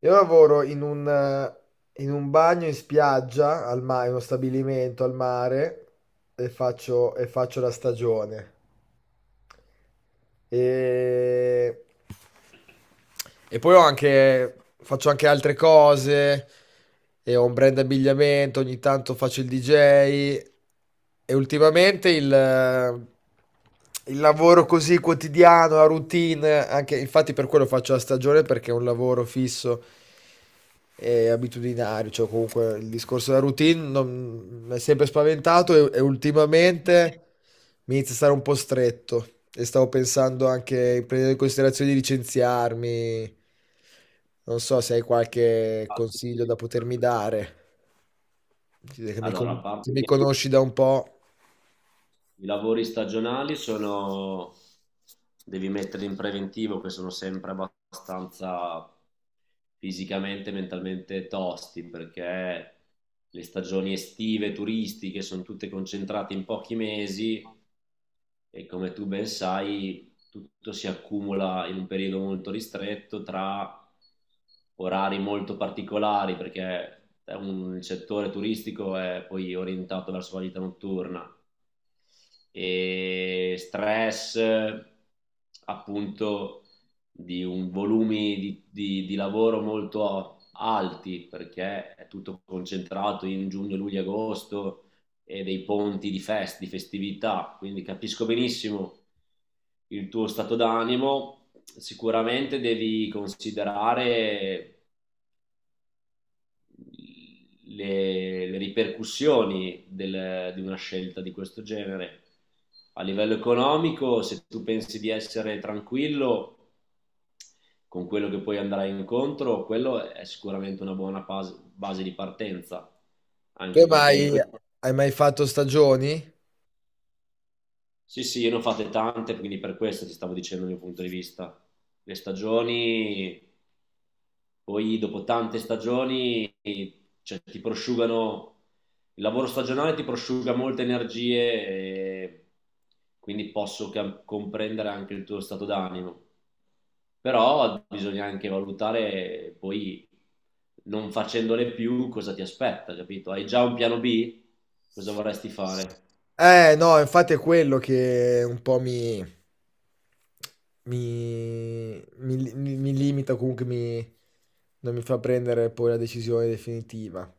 Io lavoro in un bagno in spiaggia, al mare, uno stabilimento al mare, e faccio la stagione. E, e poi ho anche, faccio anche altre cose, e ho un brand abbigliamento, ogni tanto faccio il DJ, e ultimamente il lavoro così quotidiano, la routine, anche, infatti per quello faccio la stagione, perché è un lavoro fisso è abitudinario, cioè comunque il discorso della routine mi è sempre spaventato e ultimamente mi inizia a stare un po' stretto e stavo pensando anche, prendendo in considerazione di licenziarmi, non so se hai qualche consiglio da potermi dare, che mi, Allora, a se parte mi che conosci da un po'. i lavori stagionali sono, devi mettere in preventivo che sono sempre abbastanza fisicamente e mentalmente tosti perché le stagioni estive, turistiche sono tutte concentrate in pochi mesi e come tu ben sai tutto si accumula in un periodo molto ristretto tra orari molto particolari perché il settore turistico è poi orientato verso la vita notturna e stress appunto di un volumi di lavoro molto alti perché è tutto concentrato in giugno, luglio, agosto e dei ponti di festività, quindi capisco benissimo il tuo stato d'animo. Sicuramente devi considerare le ripercussioni di una scelta di questo genere. A livello economico, se tu pensi di essere tranquillo con quello che poi andrai incontro, quello è sicuramente una buona base di partenza, Tu anche perché in questo... hai mai fatto stagioni? Sì, sì, io ne ho fatte tante, quindi per questo ti stavo dicendo il mio punto di vista. Le stagioni, poi dopo tante stagioni, cioè, ti prosciugano, il lavoro stagionale ti prosciuga molte energie e quindi posso comprendere anche il tuo stato d'animo. Però bisogna anche valutare poi non facendole più cosa ti aspetta, capito? Hai già un piano B? Cosa vorresti fare? Eh no, infatti è quello che un po' mi limita comunque, mi, non mi fa prendere poi la decisione definitiva.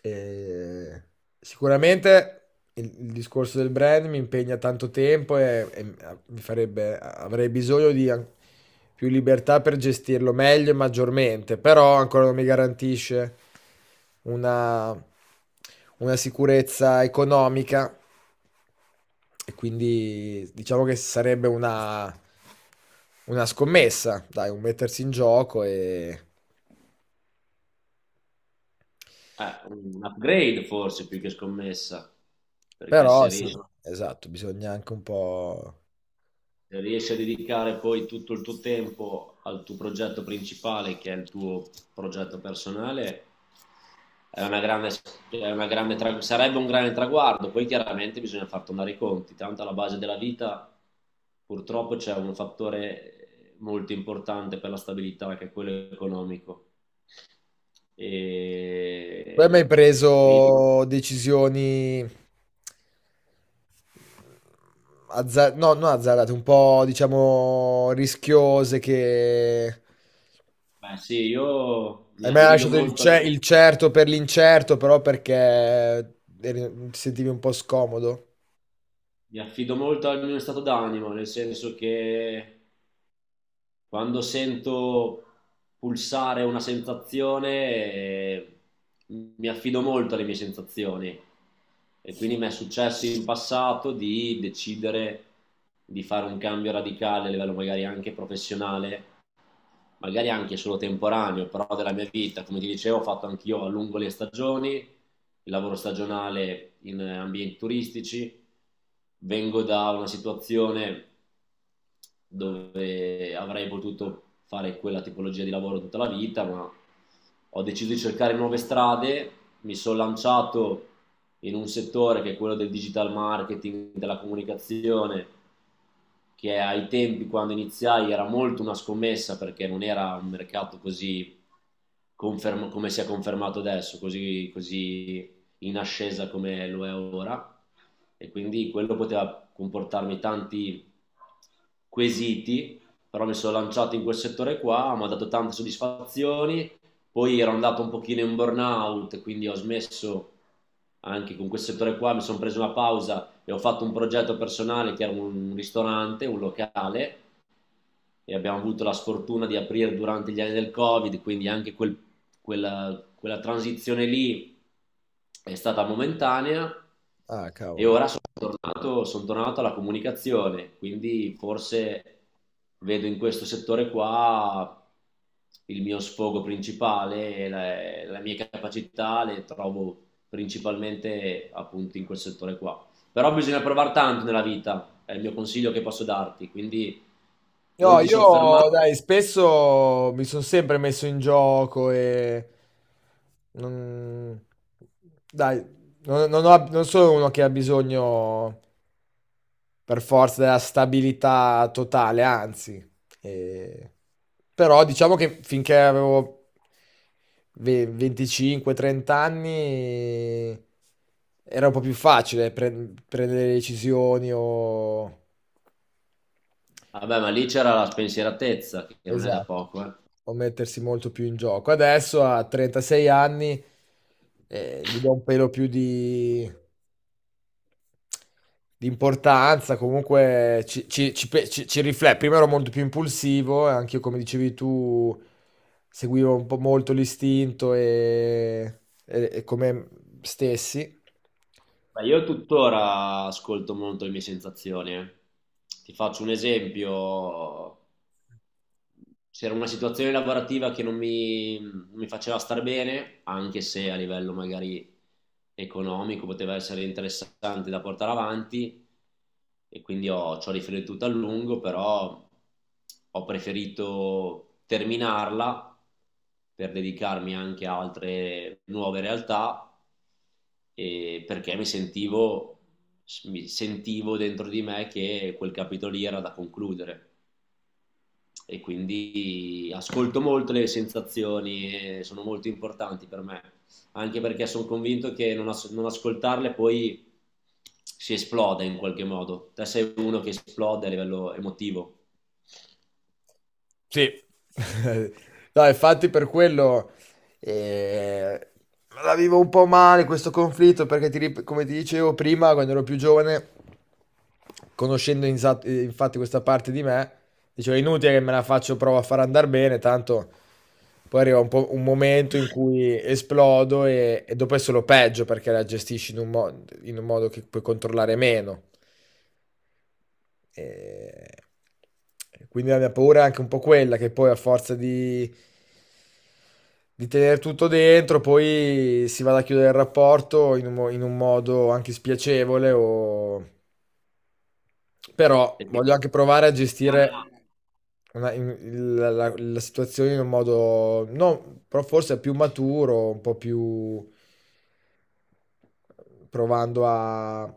E sicuramente il discorso del brand mi impegna tanto tempo e mi farebbe, avrei bisogno più libertà per gestirlo meglio e maggiormente, però ancora non mi garantisce una, una sicurezza economica e quindi diciamo che sarebbe una scommessa, dai, un mettersi in gioco e... Un upgrade forse più che scommessa, perché Però se sì. riesci, Mhm. Esatto, bisogna anche un po'... riesci a dedicare poi tutto il tuo tempo al tuo progetto principale, che è il tuo progetto personale, è una grande, è una grande sarebbe un grande traguardo. Poi chiaramente bisogna far tornare i conti. Tanto alla base della vita purtroppo c'è un fattore molto importante per la stabilità, che è quello economico. Tu hai E mai quindi, preso decisioni no, non azzardate, un po', diciamo, rischiose che... beh, sì, io Hai mai lasciato il certo per l'incerto, però perché ti sentivi un po' scomodo? mi affido molto al mio stato d'animo, nel senso che quando sento pulsare una sensazione, eh, mi affido molto alle mie sensazioni e quindi mi è successo in passato di decidere di fare un cambio radicale a livello magari anche professionale, magari anche solo temporaneo, però della mia vita, come ti dicevo, ho fatto anch'io a lungo le stagioni, il lavoro stagionale in ambienti turistici, vengo da una situazione dove avrei potuto fare quella tipologia di lavoro tutta la vita, ma ho deciso di cercare nuove strade, mi sono lanciato in un settore che è quello del digital marketing, della comunicazione, che ai tempi quando iniziai era molto una scommessa perché non era un mercato così come si è confermato adesso, così, così in ascesa come lo è ora e quindi quello poteva comportarmi tanti quesiti, però mi sono lanciato in quel settore qua, mi ha dato tante soddisfazioni, poi ero andato un pochino in burnout, quindi ho smesso anche con quel settore qua, mi sono preso una pausa e ho fatto un progetto personale che era un ristorante, un locale, e abbiamo avuto la sfortuna di aprire durante gli anni del Covid, quindi anche quella transizione lì è stata momentanea Ah, e cavolo. ora sono tornato alla comunicazione, quindi forse vedo in questo settore qua il mio sfogo principale, la mia capacità le trovo principalmente appunto in quel settore qua. Però bisogna provare tanto nella vita, è il mio consiglio che posso darti, quindi No, non ti soffermare. io dai, spesso mi sono sempre messo in gioco e non... Dai, non sono uno che ha bisogno per forza della stabilità totale, anzi. eh, Però diciamo che finché avevo 25-30 anni era un po' più facile prendere decisioni o... Vabbè, ma lì c'era la spensieratezza, che non è da Esatto, poco, eh. può mettersi molto più in gioco. Adesso a 36 anni gli do un pelo più di importanza, comunque ci riflette. Prima ero molto più impulsivo, e anche io, come dicevi tu, seguivo un po' molto l'istinto e come stessi. Ma io tuttora ascolto molto le mie sensazioni, eh. Ti faccio un esempio. C'era una situazione lavorativa che non mi faceva star bene, anche se a livello magari economico poteva essere interessante da portare avanti e quindi ci ho riflettuto a lungo, però ho preferito terminarla per dedicarmi anche a altre nuove realtà e perché mi sentivo dentro di me che quel capitolo lì era da concludere e quindi ascolto molto le sensazioni, e sono molto importanti per me, anche perché sono convinto che non ascoltarle poi si esplode in qualche modo. Te sei uno che esplode a livello emotivo. Sì. No, infatti per quello eh, la vivo un po' male questo conflitto perché come ti dicevo prima, quando ero più giovane, infatti questa parte di me, dicevo è inutile che me la faccio, provo a far andare bene, tanto poi arriva po' un momento in cui esplodo e dopo è solo peggio perché la gestisci in in un modo che puoi controllare meno. E quindi la mia paura è anche un po' quella, che poi a forza di tenere tutto dentro, poi si vada a chiudere il rapporto in in un modo anche spiacevole. O... Però Perché, voglio anche provare a gestire la situazione in un modo, no, però forse più maturo, un po' più provando a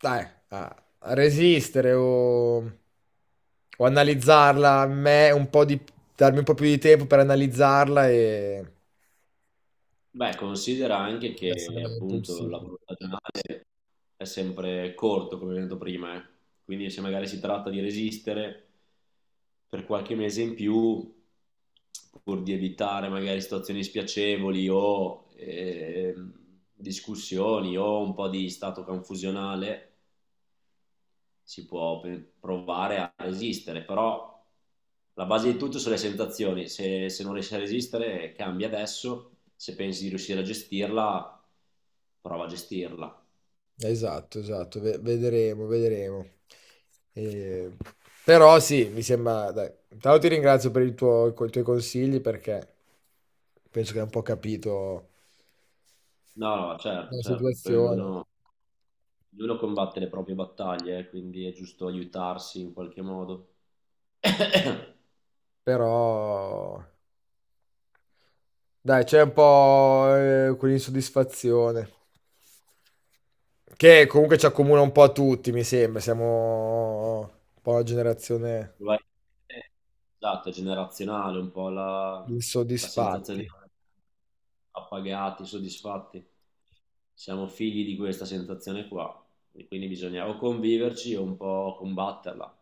dai, a a resistere o analizzarla a me un po' di, darmi un po' più di tempo per analizzarla e beh, considera anche essere che meno appunto il impulsivo. lavoro stagionale è sempre corto, come abbiamo detto prima, eh. Quindi se magari si tratta di resistere per qualche mese in più, pur di evitare magari situazioni spiacevoli o discussioni o un po' di stato confusionale, si può provare a resistere, però la base di tutto sono le sensazioni, se non riesci a resistere cambia adesso, se pensi di riuscire a gestirla, prova a gestirla. Esatto, esatto, vedremo, vedremo. E- Però sì, mi sembra, dai, intanto ti ringrazio per il tuo, con i tuoi consigli perché penso che hai un po' capito No, no, certo, la certo, poi situazione, ognuno, ognuno combatte le proprie battaglie, quindi è giusto aiutarsi in qualche modo. però dai, c'è un po' quell'insoddisfazione. Che comunque ci accomuna un po' a tutti, mi sembra. Siamo un po' una generazione Probabilmente, esatto, è generazionale un po' di la sensazione insoddisfatti. di non appagati, soddisfatti. Siamo figli di questa sensazione qua, e quindi bisogna o conviverci o un po' combatterla.